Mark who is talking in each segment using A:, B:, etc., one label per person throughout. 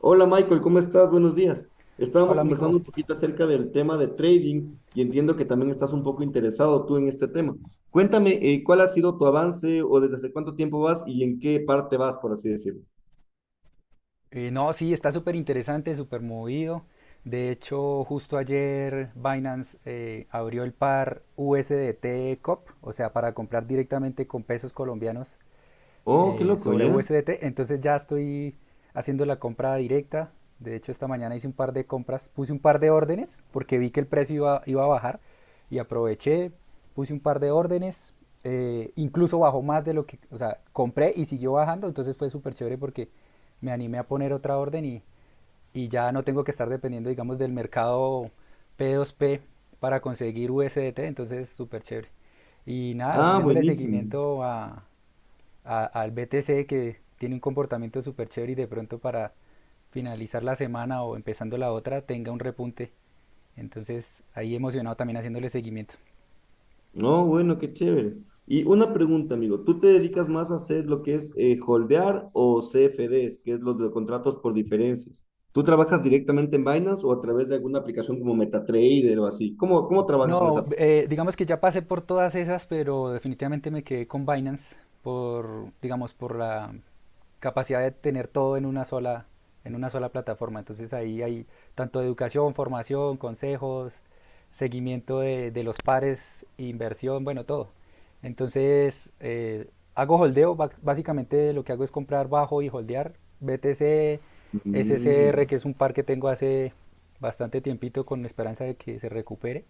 A: Hola, Michael, ¿cómo estás? Buenos días. Estábamos
B: Hola, amigo.
A: conversando un poquito acerca del tema de trading y entiendo que también estás un poco interesado tú en este tema. Cuéntame, ¿cuál ha sido tu avance o desde hace cuánto tiempo vas y en qué parte vas, por así decirlo?
B: No, sí, está súper interesante, súper movido. De hecho, justo ayer Binance abrió el par USDT COP, o sea, para comprar directamente con pesos colombianos,
A: Oh, qué loco,
B: sobre
A: ¿ya?
B: USDT. Entonces ya estoy haciendo la compra directa. De hecho, esta mañana hice un par de compras, puse un par de órdenes porque vi que el precio iba a bajar y aproveché, puse un par de órdenes. Eh, incluso bajó más de lo que, o sea, compré y siguió bajando, entonces fue súper chévere porque me animé a poner otra orden y, ya no tengo que estar dependiendo, digamos, del mercado P2P para conseguir USDT, entonces súper chévere. Y nada,
A: Ah,
B: haciéndole
A: buenísimo.
B: seguimiento a, al BTC, que tiene un comportamiento súper chévere y de pronto para finalizar la semana o empezando la otra tenga un repunte. Entonces ahí emocionado también haciéndole seguimiento.
A: No, bueno, qué chévere. Y una pregunta, amigo, ¿tú te dedicas más a hacer lo que es holdear o CFDs, que es los de contratos por diferencias? ¿Tú trabajas directamente en Binance o a través de alguna aplicación como MetaTrader o así? ¿Cómo trabajas en
B: No,
A: esa?
B: digamos que ya pasé por todas esas, pero definitivamente me quedé con Binance por, digamos, por la capacidad de tener todo en una sola plataforma. Entonces ahí hay tanto educación, formación, consejos, seguimiento de los pares, inversión, bueno, todo. Entonces hago holdeo, básicamente lo que hago es comprar bajo y holdear BTC, SCR,
A: Mm.
B: que es un par que tengo hace bastante tiempito con la esperanza de que se recupere.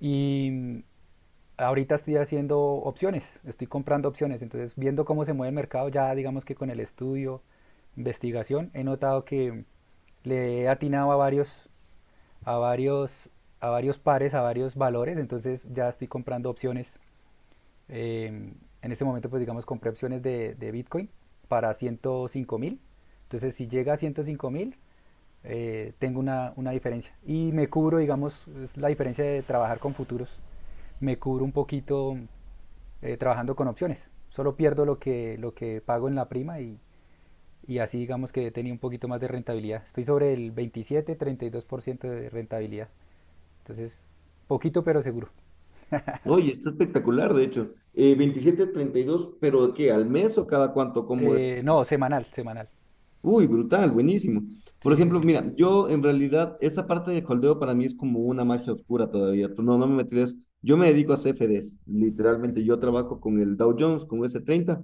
B: Y ahorita estoy haciendo opciones, estoy comprando opciones, entonces viendo cómo se mueve el mercado, ya digamos que con el estudio, investigación, he notado que le he atinado a varios, a varios, a varios pares, a varios valores, entonces ya estoy comprando opciones. eh, en este momento, pues digamos, compré opciones de Bitcoin para 105.000. Entonces, si llega a 105.000, tengo una diferencia. Y me cubro, digamos, es la diferencia de trabajar con futuros. Me cubro un poquito trabajando con opciones. Solo pierdo lo que pago en la prima y, así digamos que tenía un poquito más de rentabilidad. Estoy sobre el 27-32% de rentabilidad. Entonces, poquito pero seguro.
A: Oye, está espectacular, de hecho. 27, 32, pero ¿qué? ¿Al mes o cada cuánto? ¿Cómo es?
B: No, semanal, semanal.
A: Uy, brutal, buenísimo. Por
B: Sí, sí,
A: ejemplo,
B: sí.
A: mira, yo en realidad esa parte de holdeo para mí es como una magia oscura todavía. Tú... No, no me metí de eso. Yo me dedico a CFDs, literalmente. Yo trabajo con el Dow Jones, con s treinta,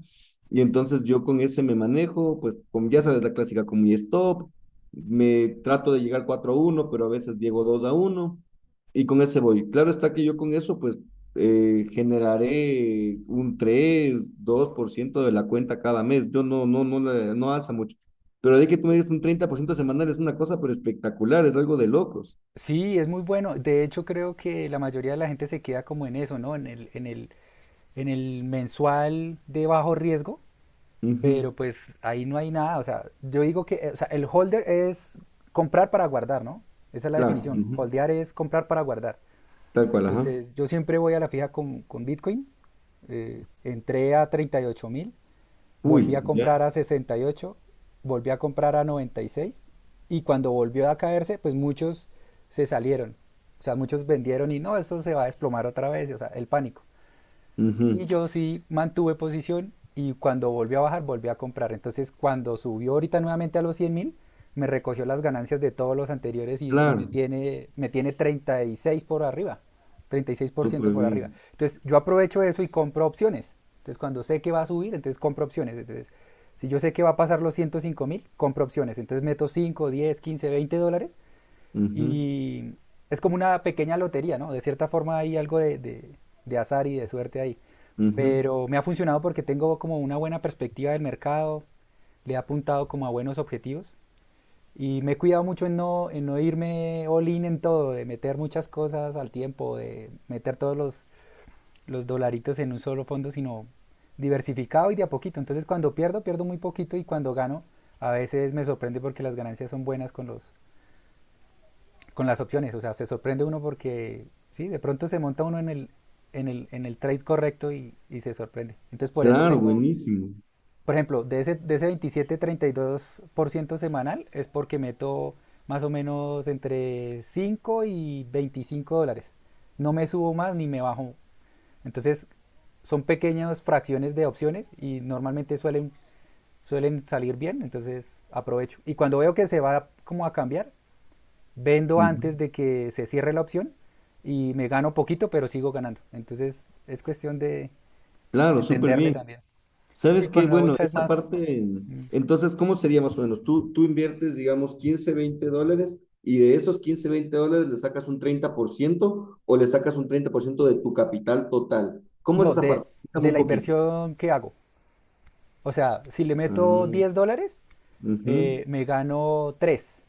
A: y entonces yo con ese me manejo, pues con, ya sabes, la clásica con mi stop. Me trato de llegar 4 a uno, pero a veces llego 2 a uno y con ese voy. Claro está que yo con eso, pues generaré un 3, 2% de la cuenta cada mes. Yo no alza mucho. Pero de que tú me digas un 30% semanal es una cosa, pero espectacular, es algo de locos.
B: Sí, es muy bueno. De hecho, creo que la mayoría de la gente se queda como en eso, ¿no? En el mensual de bajo riesgo.
A: Ujú.
B: Pero pues ahí no hay nada. O sea, yo digo que o sea, el holder es comprar para guardar, ¿no? Esa es la
A: Claro,
B: definición.
A: ujú.
B: Holdear es comprar para guardar.
A: Tal cual, ajá.
B: Entonces, yo siempre voy a la fija con Bitcoin. Entré a 38 mil, volví
A: Uy,
B: a
A: ya.
B: comprar a 68, volví a comprar a 96 y seis. Y cuando volvió a caerse, pues muchos se salieron. O sea, muchos vendieron y no, esto se va a desplomar otra vez. O sea, el pánico. Y
A: Ujú.
B: yo sí mantuve posición y cuando volvió a bajar, volví a comprar. Entonces, cuando subió ahorita nuevamente a los 100.000, me recogió las ganancias de todos los anteriores y,
A: Claro,
B: me tiene 36 por arriba, treinta y seis por ciento
A: súper
B: por arriba.
A: bien.
B: Entonces, yo aprovecho eso y compro opciones. Entonces, cuando sé que va a subir, entonces compro opciones. Entonces, si yo sé que va a pasar los 105.000, compro opciones. Entonces, meto 5 10 15 20 dólares
A: Ujú,
B: y es como una pequeña lotería, ¿no? De cierta forma hay algo de azar y de suerte ahí.
A: ujú.
B: Pero me ha funcionado porque tengo como una buena perspectiva del mercado, le he apuntado como a buenos objetivos y me he cuidado mucho en no irme all in en todo, de meter muchas cosas al tiempo, de meter todos los dolaritos en un solo fondo, sino diversificado y de a poquito. Entonces cuando pierdo, pierdo muy poquito y cuando gano, a veces me sorprende porque las ganancias son buenas con los, con las opciones, o sea, se sorprende uno porque, sí, de pronto se monta uno en el, en el trade correcto y, se sorprende. Entonces, por eso
A: Claro,
B: tengo,
A: buenísimo.
B: por ejemplo, de ese 27-32% semanal es porque meto más o menos entre 5 y 25 dólares. No me subo más ni me bajo. Entonces, son pequeñas fracciones de opciones y normalmente suelen, suelen salir bien, entonces aprovecho. Y cuando veo que se va como a cambiar, vendo
A: Ujú.
B: antes de que se cierre la opción y me gano poquito, pero sigo ganando. Entonces es cuestión de
A: Claro, súper
B: entenderle
A: bien.
B: también. Sí,
A: ¿Sabes qué?
B: con la
A: Bueno,
B: bolsa es
A: esa
B: más...
A: parte,
B: mm,
A: entonces, ¿cómo sería más o menos? Tú inviertes, digamos, $15, $20, y de esos $15, $20 le sacas un 30%, o le sacas un 30% de tu capital total. ¿Cómo es
B: no,
A: esa parte? Explícame
B: de
A: un
B: la
A: poquito.
B: inversión que hago. O sea, si le meto
A: Ah,
B: 10 dólares,
A: ujú.
B: me gano tres,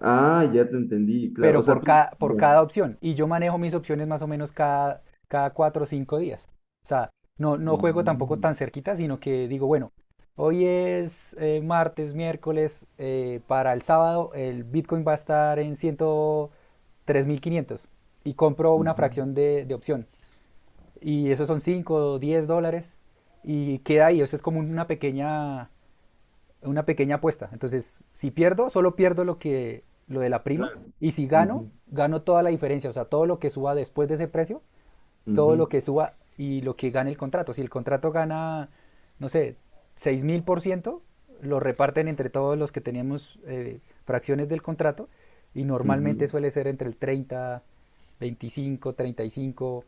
A: Ah, ya te entendí, claro. O
B: pero
A: sea, tú.
B: por
A: Ya.
B: cada opción. Y yo manejo mis opciones más o menos cada, cada cuatro o cinco días. O sea, no, no juego tampoco
A: Mm,
B: tan cerquita, sino que digo, bueno, hoy es martes, miércoles, para el sábado el Bitcoin va a estar en 103.500 y compro una
A: ujú.
B: fracción de opción. Y esos son 5 o 10 dólares y queda ahí, eso es como una pequeña, una pequeña apuesta. Entonces, si pierdo, solo pierdo lo que, lo de la prima
A: Claro.
B: y si gano,
A: Ujú,
B: gano toda la diferencia, o sea, todo lo que suba después de ese precio, todo
A: ujú,
B: lo que suba y lo que gane el contrato. Si el contrato gana, no sé, 6.000%, lo reparten entre todos los que tenemos fracciones del contrato y normalmente
A: ujú.
B: suele ser entre el treinta, veinticinco, treinta y cinco,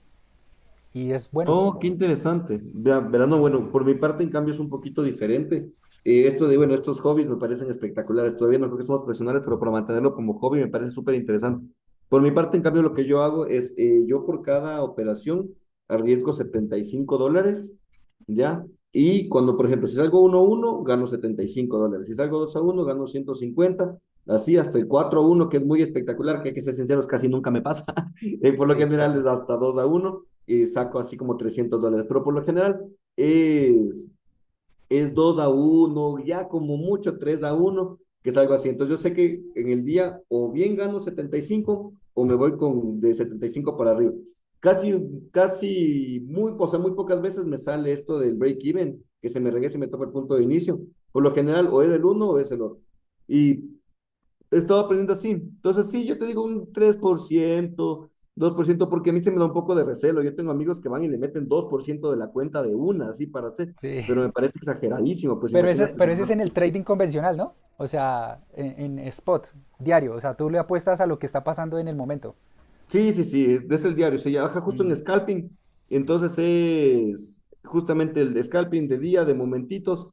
B: y es bueno.
A: Oh, qué interesante. Verano,
B: Sí,
A: bueno, por mi parte en cambio es un poquito diferente. Esto de, bueno, estos hobbies me parecen espectaculares. Todavía no creo que somos profesionales, pero para mantenerlo como hobby me parece súper interesante. Por mi parte, en cambio, lo que yo hago es, yo por cada operación arriesgo $75, ¿ya? Y cuando, por ejemplo, si salgo uno a uno gano $75. Si salgo dos a uno gano 150. Así hasta el cuatro a uno, que es muy espectacular, que hay que ser sinceros, casi nunca me pasa. Por lo
B: sí,
A: general es
B: poco.
A: hasta 2 a uno y saco así como $300, pero por lo general es, es 2 a uno, ya como mucho 3 a uno, que es algo así. Entonces yo sé que en el día o bien gano 75, o me voy con de 75 para arriba. Casi, o sea, muy pocas veces me sale esto del break-even, que se me regrese y me toca el punto de inicio. Por lo general o es el uno o es el otro. Y he estado aprendiendo así. Entonces, sí, yo te digo un tres por ciento, dos por ciento porque a mí se me da un poco de recelo. Yo tengo amigos que van y le meten 2% de la cuenta de una, así para hacer,
B: Sí.
A: pero me parece exageradísimo, pues imagínate,
B: Pero ese es
A: ¿no?
B: en el trading convencional, ¿no? O sea, en spot, diario. O sea, tú le apuestas a lo que está pasando en el momento.
A: Sí, sí, sí, es el diario, se trabaja justo
B: Mm,
A: en scalping, entonces es justamente el de scalping de día, de momentitos,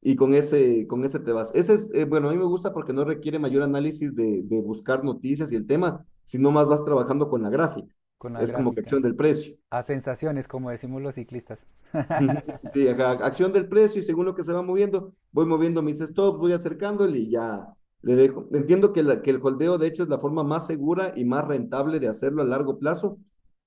A: y con ese te vas. Ese es, bueno, a mí me gusta porque no requiere mayor análisis de buscar noticias y el tema, sino más vas trabajando con la gráfica.
B: con la
A: Es como que
B: gráfica.
A: acción del precio.
B: A sensaciones, como decimos los ciclistas.
A: Sí, ajá, acción del precio, y según lo que se va moviendo, voy moviendo mis stops, voy acercándole y ya le dejo. Entiendo que, que el holdeo, de hecho, es la forma más segura y más rentable de hacerlo a largo plazo,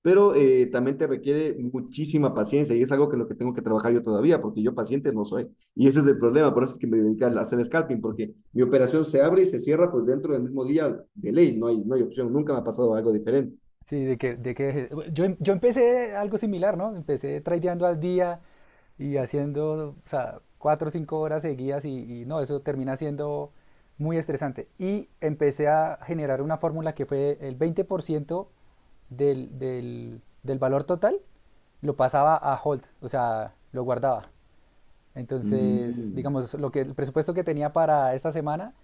A: pero también te requiere muchísima paciencia y es algo que lo que tengo que trabajar yo todavía, porque yo paciente no soy. Y ese es el
B: Sí.
A: problema, por eso es que me dedico a hacer scalping, porque mi operación se abre y se cierra pues dentro del mismo día de ley, no hay opción, nunca me ha pasado algo diferente.
B: Sí, de que yo, yo empecé algo similar, ¿no? Empecé tradeando al día y haciendo, o sea, cuatro o cinco horas seguidas y, no, eso termina siendo muy estresante. Y empecé a generar una fórmula que fue el 20% del valor total, lo pasaba a hold, o sea, lo guardaba. Entonces,
A: Mm,
B: digamos, lo que, el presupuesto que tenía para esta semana,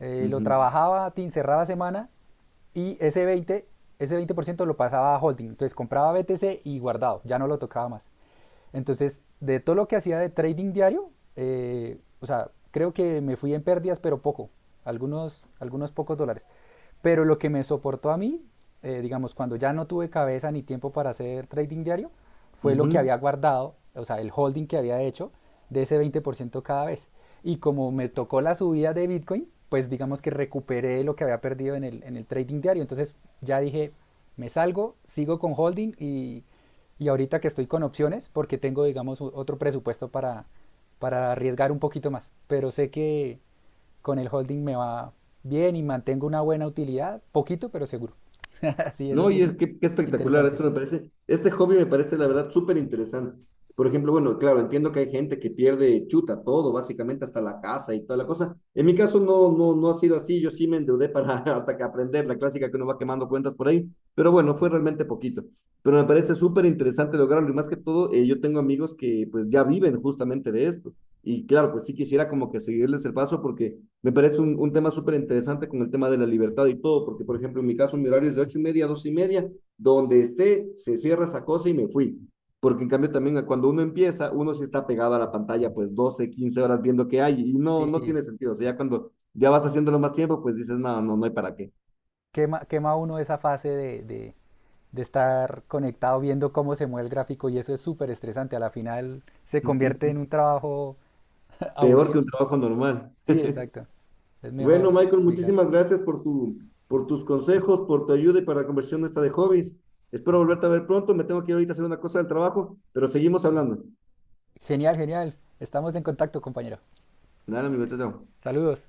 B: lo
A: ujú,
B: trabajaba, tin cerraba semana y ese veinte, ese ciento lo pasaba a holding. Entonces compraba BTC y guardado, ya no lo tocaba más. Entonces, de todo lo que hacía de trading diario, o sea, creo que me fui en pérdidas, pero poco, algunos, algunos pocos dólares. Pero lo que me soportó a mí, digamos, cuando ya no tuve cabeza ni tiempo para hacer trading diario, fue lo que
A: ujú.
B: había guardado, o sea, el holding que había hecho de ese 20% cada vez. Y como me tocó la subida de Bitcoin, pues digamos que recuperé lo que había perdido en el trading diario. Entonces ya dije, me salgo, sigo con holding y ahorita que estoy con opciones, porque tengo, digamos, otro presupuesto para arriesgar un poquito más. Pero sé que con el holding me va bien y mantengo una buena utilidad, poquito, pero seguro. Sí, eso
A: No,
B: sí
A: y
B: es
A: es que qué espectacular,
B: interesante.
A: esto me parece, este hobby me parece la verdad súper interesante. Por ejemplo, bueno, claro, entiendo que hay gente que pierde chuta todo, básicamente hasta la casa y toda la cosa. En mi caso no ha sido así, yo sí me endeudé para hasta que aprender la clásica que uno va quemando cuentas por ahí, pero bueno, fue realmente poquito. Pero me parece súper interesante lograrlo, y más que todo, yo tengo amigos que pues ya viven justamente de esto. Y claro, pues sí quisiera como que seguirles el paso, porque me parece un tema súper interesante con el tema de la libertad y todo, porque por ejemplo en mi caso mi horario es de 8:30 a 2:30, donde esté se cierra esa cosa y me fui. Porque en cambio también cuando uno empieza, uno sí está pegado a la pantalla pues 12, 15 horas viendo qué hay y no, no
B: Sí,
A: tiene sentido. O sea, ya cuando ya vas haciéndolo más tiempo, pues dices, no, no hay para qué.
B: quema, quema uno esa fase de, de estar conectado viendo cómo se mueve el gráfico y eso es súper estresante. A la final se convierte en un trabajo
A: Peor
B: aburrido.
A: que un trabajo normal.
B: Sí, exacto. Es
A: Bueno,
B: mejor
A: Michael,
B: migrar.
A: muchísimas gracias por por tus consejos, por tu ayuda y para la conversión esta de hobbies. Espero volverte a ver pronto. Me tengo que ir ahorita a hacer una cosa del trabajo, pero seguimos hablando.
B: Genial, genial. Estamos en contacto, compañero.
A: Dale, amigo, chao. Chao.
B: Saludos.